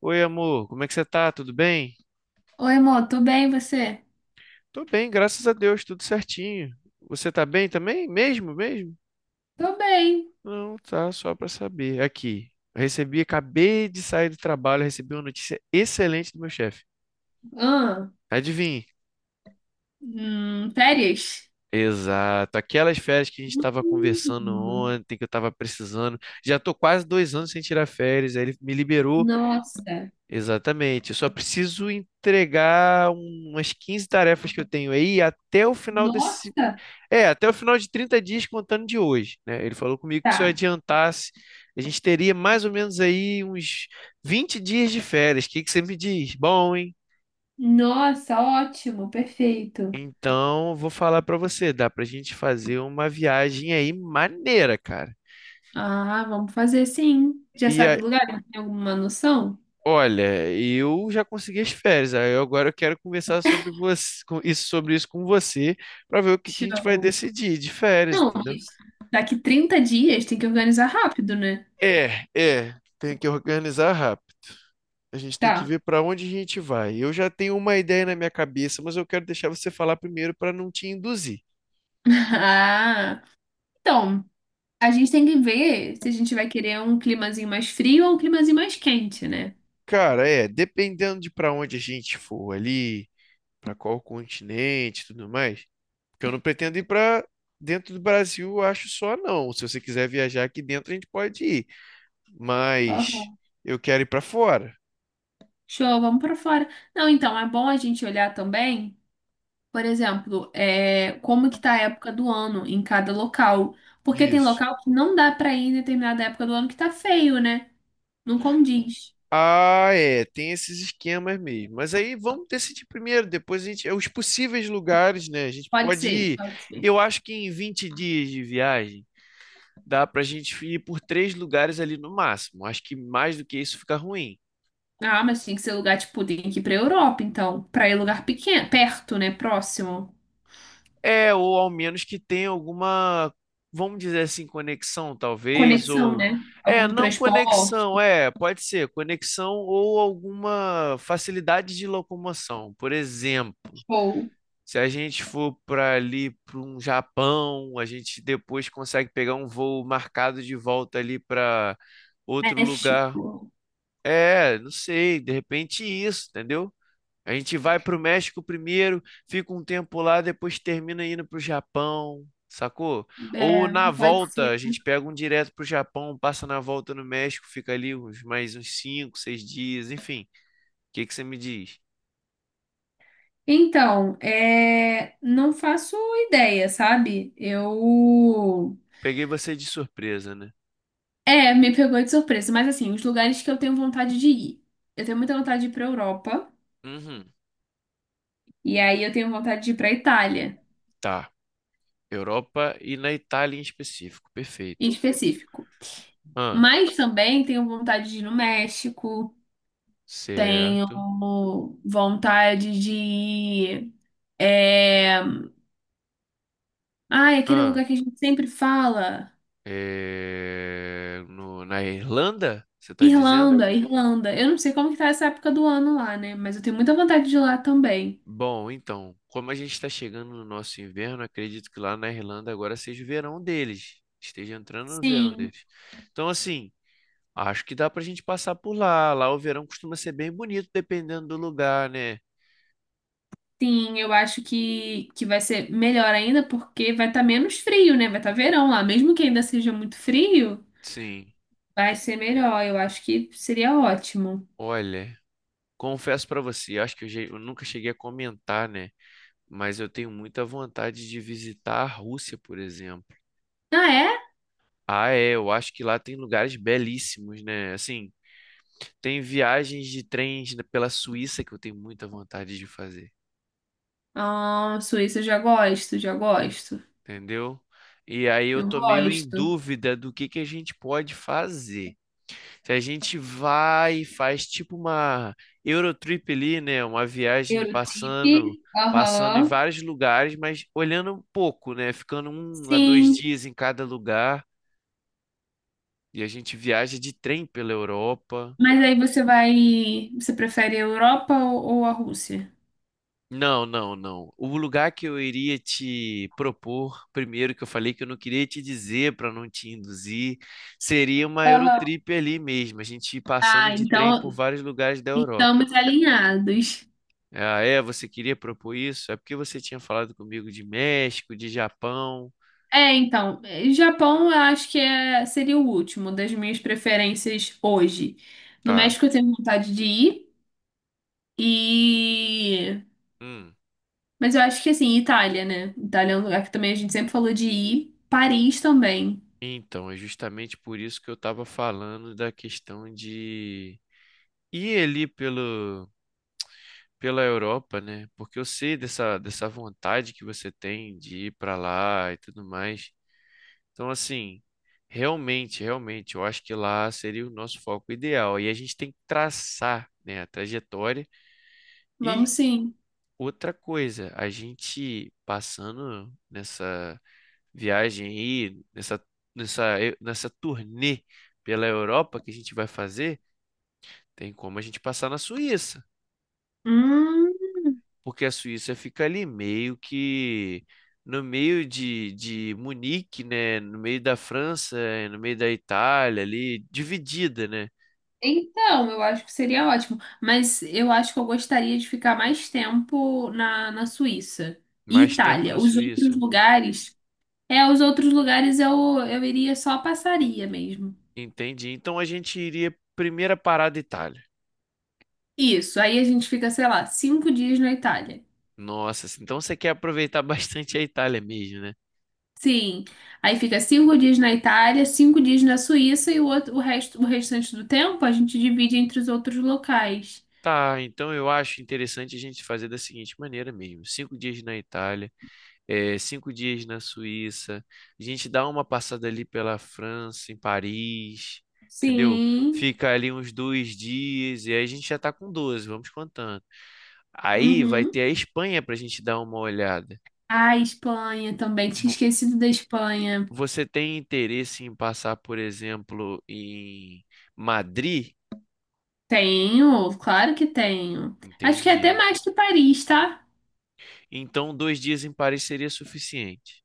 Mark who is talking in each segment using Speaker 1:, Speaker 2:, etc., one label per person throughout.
Speaker 1: Oi, amor, como é que você tá? Tudo bem?
Speaker 2: Oi, amor, tudo bem, e você?
Speaker 1: Tô bem, graças a Deus, tudo certinho. Você tá bem também? Mesmo, mesmo?
Speaker 2: Tô bem.
Speaker 1: Não, tá, só pra saber. Aqui, recebi, acabei de sair do trabalho, recebi uma notícia excelente do meu chefe.
Speaker 2: Ah,
Speaker 1: Adivinhe?
Speaker 2: hum, férias?
Speaker 1: Exato, aquelas férias que a gente estava conversando
Speaker 2: Hum,
Speaker 1: ontem, que eu estava precisando. Já tô quase 2 anos sem tirar férias, aí ele me liberou.
Speaker 2: nossa,
Speaker 1: Exatamente, eu só preciso entregar umas 15 tarefas que eu tenho aí até o final
Speaker 2: nossa,
Speaker 1: Até o final de 30 dias contando de hoje, né? Ele falou comigo que se eu
Speaker 2: tá.
Speaker 1: adiantasse, a gente teria mais ou menos aí uns 20 dias de férias. O que que você me diz? Bom, hein?
Speaker 2: Nossa, ótimo, perfeito.
Speaker 1: Então, vou falar pra você, dá pra gente fazer uma viagem aí maneira, cara.
Speaker 2: Ah, vamos fazer sim. Já
Speaker 1: E
Speaker 2: sabe
Speaker 1: aí,
Speaker 2: o lugar? Tem alguma noção?
Speaker 1: olha, eu já consegui as férias, agora eu quero conversar sobre você, com isso, sobre isso com você, pra ver o que que a gente vai
Speaker 2: Show.
Speaker 1: decidir de férias,
Speaker 2: Não,
Speaker 1: entendeu?
Speaker 2: mas daqui 30 dias tem que organizar rápido, né?
Speaker 1: É, tem que organizar rápido. A gente tem que
Speaker 2: Tá.
Speaker 1: ver para onde a gente vai. Eu já tenho uma ideia na minha cabeça, mas eu quero deixar você falar primeiro para não te induzir.
Speaker 2: Ah, então, a gente tem que ver se a gente vai querer um climazinho mais frio ou um climazinho mais quente, né?
Speaker 1: Cara, é, dependendo de para onde a gente for ali, para qual continente, e tudo mais, porque eu não pretendo ir para dentro do Brasil, eu acho só não. Se você quiser viajar aqui dentro, a gente pode ir, mas eu quero ir para fora
Speaker 2: Show, vamos para fora. Não, então, é bom a gente olhar também, por exemplo, é, como que tá a época do ano em cada local. Porque tem
Speaker 1: disso.
Speaker 2: local que não dá para ir em determinada época do ano que tá feio, né? Não condiz.
Speaker 1: Ah, é, tem esses esquemas mesmo. Mas aí vamos decidir primeiro. Depois a gente. É Os possíveis lugares, né? A gente
Speaker 2: Pode
Speaker 1: pode
Speaker 2: ser,
Speaker 1: ir.
Speaker 2: pode ser.
Speaker 1: Eu acho que em 20 dias de viagem dá pra gente ir por três lugares ali no máximo. Acho que mais do que isso fica ruim.
Speaker 2: Ah, mas tem que ser lugar, tipo, tem que ir pra Europa, então. Pra ir lugar pequeno, perto, né? Próximo.
Speaker 1: É, ou ao menos que tenha alguma, vamos dizer assim, conexão, talvez,
Speaker 2: Conexão,
Speaker 1: ou.
Speaker 2: né?
Speaker 1: É,
Speaker 2: Algum
Speaker 1: não
Speaker 2: transporte,
Speaker 1: conexão, é, pode ser, conexão ou alguma facilidade de locomoção. Por exemplo.
Speaker 2: ou
Speaker 1: Se a gente for para ali para um Japão, a gente depois consegue pegar um voo marcado de volta ali para outro lugar.
Speaker 2: México.
Speaker 1: É, não sei, de repente isso, entendeu? A gente vai para o México primeiro, fica um tempo lá, depois termina indo para o Japão, sacou? Ou
Speaker 2: É,
Speaker 1: na
Speaker 2: pode
Speaker 1: volta,
Speaker 2: ser.
Speaker 1: a gente pega um direto para o Japão, passa na volta no México, fica ali uns mais uns 5 6 dias, enfim. O que que você me diz?
Speaker 2: Então, é, não faço ideia, sabe? Eu.
Speaker 1: Peguei você de surpresa, né?
Speaker 2: É, me pegou de surpresa, mas assim, os lugares que eu tenho vontade de ir. Eu tenho muita vontade de ir pra Europa,
Speaker 1: Uhum,
Speaker 2: e aí eu tenho vontade de ir pra Itália,
Speaker 1: tá. Europa e na Itália em específico.
Speaker 2: em
Speaker 1: Perfeito.
Speaker 2: específico.
Speaker 1: Ah,
Speaker 2: Mas também tenho vontade de ir no México, tenho
Speaker 1: certo.
Speaker 2: vontade de ir. É... Ai, aquele
Speaker 1: Ah,
Speaker 2: lugar que a gente sempre fala.
Speaker 1: é, na Irlanda, você está dizendo?
Speaker 2: Irlanda, Irlanda. Eu não sei como que tá essa época do ano lá, né? Mas eu tenho muita vontade de ir lá também.
Speaker 1: Bom, então, como a gente está chegando no nosso inverno, acredito que lá na Irlanda agora seja o verão deles. Esteja entrando no verão
Speaker 2: Sim,
Speaker 1: deles. Então, assim, acho que dá pra gente passar por lá. Lá o verão costuma ser bem bonito, dependendo do lugar, né?
Speaker 2: sim, eu acho que vai ser melhor ainda porque vai estar menos frio, né? Vai estar verão lá, mesmo que ainda seja muito frio,
Speaker 1: Sim.
Speaker 2: vai ser melhor. Eu acho que seria ótimo.
Speaker 1: Olha, confesso pra você, acho que eu, eu nunca cheguei a comentar, né? Mas eu tenho muita vontade de visitar a Rússia, por exemplo.
Speaker 2: Ah, é?
Speaker 1: Ah, é, eu acho que lá tem lugares belíssimos, né? Assim, tem viagens de trens pela Suíça que eu tenho muita vontade de fazer,
Speaker 2: Ah, Suíça eu já gosto, já gosto.
Speaker 1: entendeu? E aí eu
Speaker 2: Eu
Speaker 1: tô meio em
Speaker 2: gosto.
Speaker 1: dúvida do que a gente pode fazer. Se a gente vai e faz tipo uma Eurotrip ali, né? Uma viagem passando
Speaker 2: Eurotrip.
Speaker 1: passando em
Speaker 2: Aham.
Speaker 1: vários lugares, mas olhando um pouco, né? Ficando um a dois
Speaker 2: Sim,
Speaker 1: dias em cada lugar. E a gente viaja de trem pela Europa.
Speaker 2: mas aí você vai, você prefere a Europa ou, a Rússia?
Speaker 1: Não, não, não. O lugar que eu iria te propor, primeiro que eu falei que eu não queria te dizer para não te induzir, seria uma
Speaker 2: Aham.
Speaker 1: Eurotrip ali mesmo, a gente ir passando
Speaker 2: Ah,
Speaker 1: de trem por
Speaker 2: então
Speaker 1: vários lugares da Europa.
Speaker 2: estamos alinhados.
Speaker 1: Ah, é, você queria propor isso? É porque você tinha falado comigo de México, de Japão.
Speaker 2: É, então, eh, Japão eu acho que é, seria o último das minhas preferências hoje. No
Speaker 1: Tá.
Speaker 2: México eu tenho vontade de ir e...
Speaker 1: Hum.
Speaker 2: Mas eu acho que assim, Itália, né? Itália é um lugar que também a gente sempre falou de ir. Paris também.
Speaker 1: Então, é justamente por isso que eu estava falando da questão de ir ali pelo pela Europa, né? Porque eu sei dessa vontade que você tem de ir para lá e tudo mais. Então, assim, realmente, realmente, eu acho que lá seria o nosso foco ideal. E a gente tem que traçar, né, a trajetória. E
Speaker 2: Vamos sim.
Speaker 1: outra coisa, a gente passando nessa viagem aí, nessa turnê pela Europa que a gente vai fazer, tem como a gente passar na Suíça.
Speaker 2: Hum,
Speaker 1: Porque a Suíça fica ali meio que no meio de Munique, né? No meio da França, no meio da Itália, ali, dividida, né?
Speaker 2: então, eu acho que seria ótimo. Mas eu acho que eu gostaria de ficar mais tempo na, Suíça e
Speaker 1: Mais tempo na
Speaker 2: Itália. Os outros
Speaker 1: Suíça.
Speaker 2: lugares... É, os outros lugares eu, iria só passaria mesmo.
Speaker 1: Entendi. Então a gente iria primeira parada Itália.
Speaker 2: Isso, aí a gente fica, sei lá, 5 dias na Itália.
Speaker 1: Nossa, assim, então você quer aproveitar bastante a Itália mesmo, né?
Speaker 2: Sim, aí fica 5 dias na Itália, 5 dias na Suíça e o outro, o resto, o restante do tempo a gente divide entre os outros locais.
Speaker 1: Tá, então eu acho interessante a gente fazer da seguinte maneira mesmo: 5 dias na Itália, 5 dias na Suíça. A gente dá uma passada ali pela França, em Paris, entendeu?
Speaker 2: Sim,
Speaker 1: Fica ali uns 2 dias e aí a gente já tá com 12. Vamos contando. Aí vai
Speaker 2: uhum.
Speaker 1: ter a Espanha pra gente dar uma olhada.
Speaker 2: Ah, Espanha também, tinha
Speaker 1: Vo-
Speaker 2: esquecido da Espanha.
Speaker 1: Você tem interesse em passar, por exemplo, em Madrid?
Speaker 2: Tenho, claro que tenho. Acho que é até
Speaker 1: Entendi.
Speaker 2: mais que Paris, tá?
Speaker 1: Então, 2 dias em Paris seria suficiente.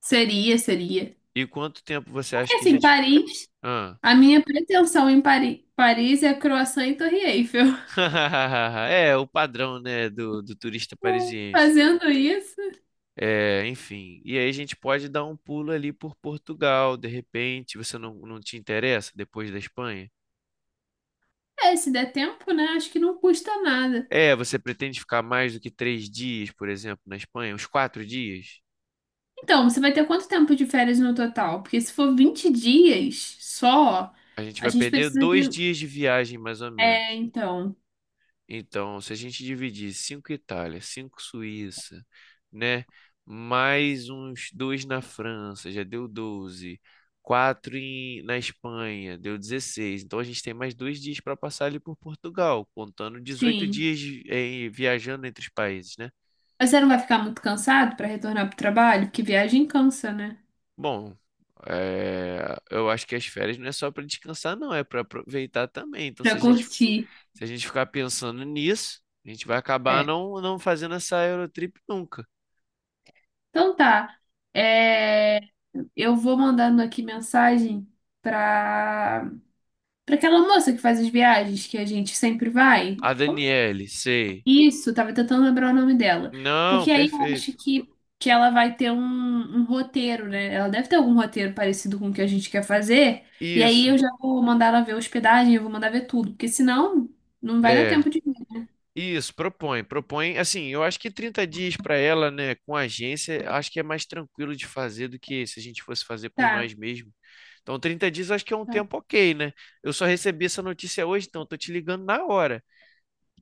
Speaker 2: Seria, seria.
Speaker 1: E quanto tempo você acha
Speaker 2: Porque
Speaker 1: que a
Speaker 2: assim,
Speaker 1: gente.
Speaker 2: Paris,
Speaker 1: Ah.
Speaker 2: a minha pretensão em Paris é croissant e Torre Eiffel.
Speaker 1: É, o padrão, né, do turista parisiense.
Speaker 2: Fazendo isso.
Speaker 1: É, enfim, e aí a gente pode dar um pulo ali por Portugal, de repente, você não te interessa depois da Espanha?
Speaker 2: É, se der tempo, né? Acho que não custa nada.
Speaker 1: É, você pretende ficar mais do que 3 dias, por exemplo, na Espanha? Uns 4 dias?
Speaker 2: Então, você vai ter quanto tempo de férias no total? Porque se for 20 dias só,
Speaker 1: A gente
Speaker 2: a
Speaker 1: vai
Speaker 2: gente
Speaker 1: perder
Speaker 2: precisa
Speaker 1: dois
Speaker 2: de.
Speaker 1: dias de viagem, mais ou
Speaker 2: É,
Speaker 1: menos.
Speaker 2: então,
Speaker 1: Então, se a gente dividir 5 Itália, 5 Suíça, né? Mais uns dois na França, já deu 12. Quatro na Espanha, deu 16. Então a gente tem mais 2 dias para passar ali por Portugal, contando dezoito
Speaker 2: sim.
Speaker 1: dias, viajando entre os países, né?
Speaker 2: Mas você não vai ficar muito cansado para retornar pro trabalho? Porque viagem cansa, né?
Speaker 1: Bom, eu acho que as férias não é só para descansar, não, é para aproveitar também. Então, se
Speaker 2: Pra
Speaker 1: a gente,
Speaker 2: curtir.
Speaker 1: se a gente ficar pensando nisso, a gente vai acabar
Speaker 2: É.
Speaker 1: não fazendo essa Eurotrip nunca.
Speaker 2: Então tá. É, eu vou mandando aqui mensagem pra... aquela moça que faz as viagens que a gente sempre vai.
Speaker 1: A
Speaker 2: Como
Speaker 1: Daniele, sei.
Speaker 2: isso, tava tentando lembrar o nome dela.
Speaker 1: Não,
Speaker 2: Porque aí eu
Speaker 1: perfeito.
Speaker 2: acho que, ela vai ter um, roteiro, né? Ela deve ter algum roteiro parecido com o que a gente quer fazer. E aí
Speaker 1: Isso.
Speaker 2: eu já vou mandar ela ver a hospedagem, eu vou mandar ver tudo. Porque senão não vai dar
Speaker 1: É.
Speaker 2: tempo de vir.
Speaker 1: Isso, propõe, propõe. Assim, eu acho que 30 dias para ela, né, com a agência, acho que é mais tranquilo de fazer do que se a gente fosse fazer por
Speaker 2: Tá,
Speaker 1: nós mesmos. Então, 30 dias acho que é um
Speaker 2: tá,
Speaker 1: tempo ok, né? Eu só recebi essa notícia hoje, então eu tô te ligando na hora.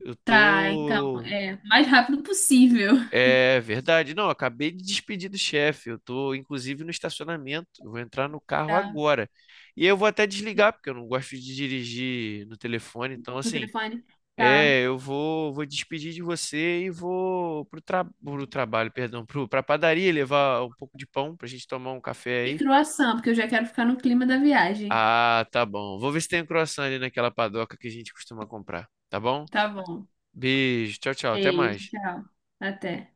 Speaker 1: Eu
Speaker 2: tá, então,
Speaker 1: tô
Speaker 2: é, mais rápido possível.
Speaker 1: É verdade. Não, eu acabei de despedir do chefe. Eu tô, inclusive, no estacionamento. Eu vou entrar no carro
Speaker 2: Tá,
Speaker 1: agora. E eu vou até desligar, porque eu não gosto de dirigir no telefone. Então,
Speaker 2: no
Speaker 1: assim,
Speaker 2: telefone. Tá.
Speaker 1: eu vou despedir de você e vou pro trabalho, perdão, pra padaria levar um pouco de pão pra gente tomar um café
Speaker 2: E
Speaker 1: aí.
Speaker 2: croissant, porque eu já quero ficar no clima da viagem.
Speaker 1: Ah, tá bom. Vou ver se tem um croissant ali naquela padoca que a gente costuma comprar. Tá bom?
Speaker 2: Tá bom.
Speaker 1: Beijo. Tchau, tchau. Até
Speaker 2: Beijo,
Speaker 1: mais.
Speaker 2: tchau. Até.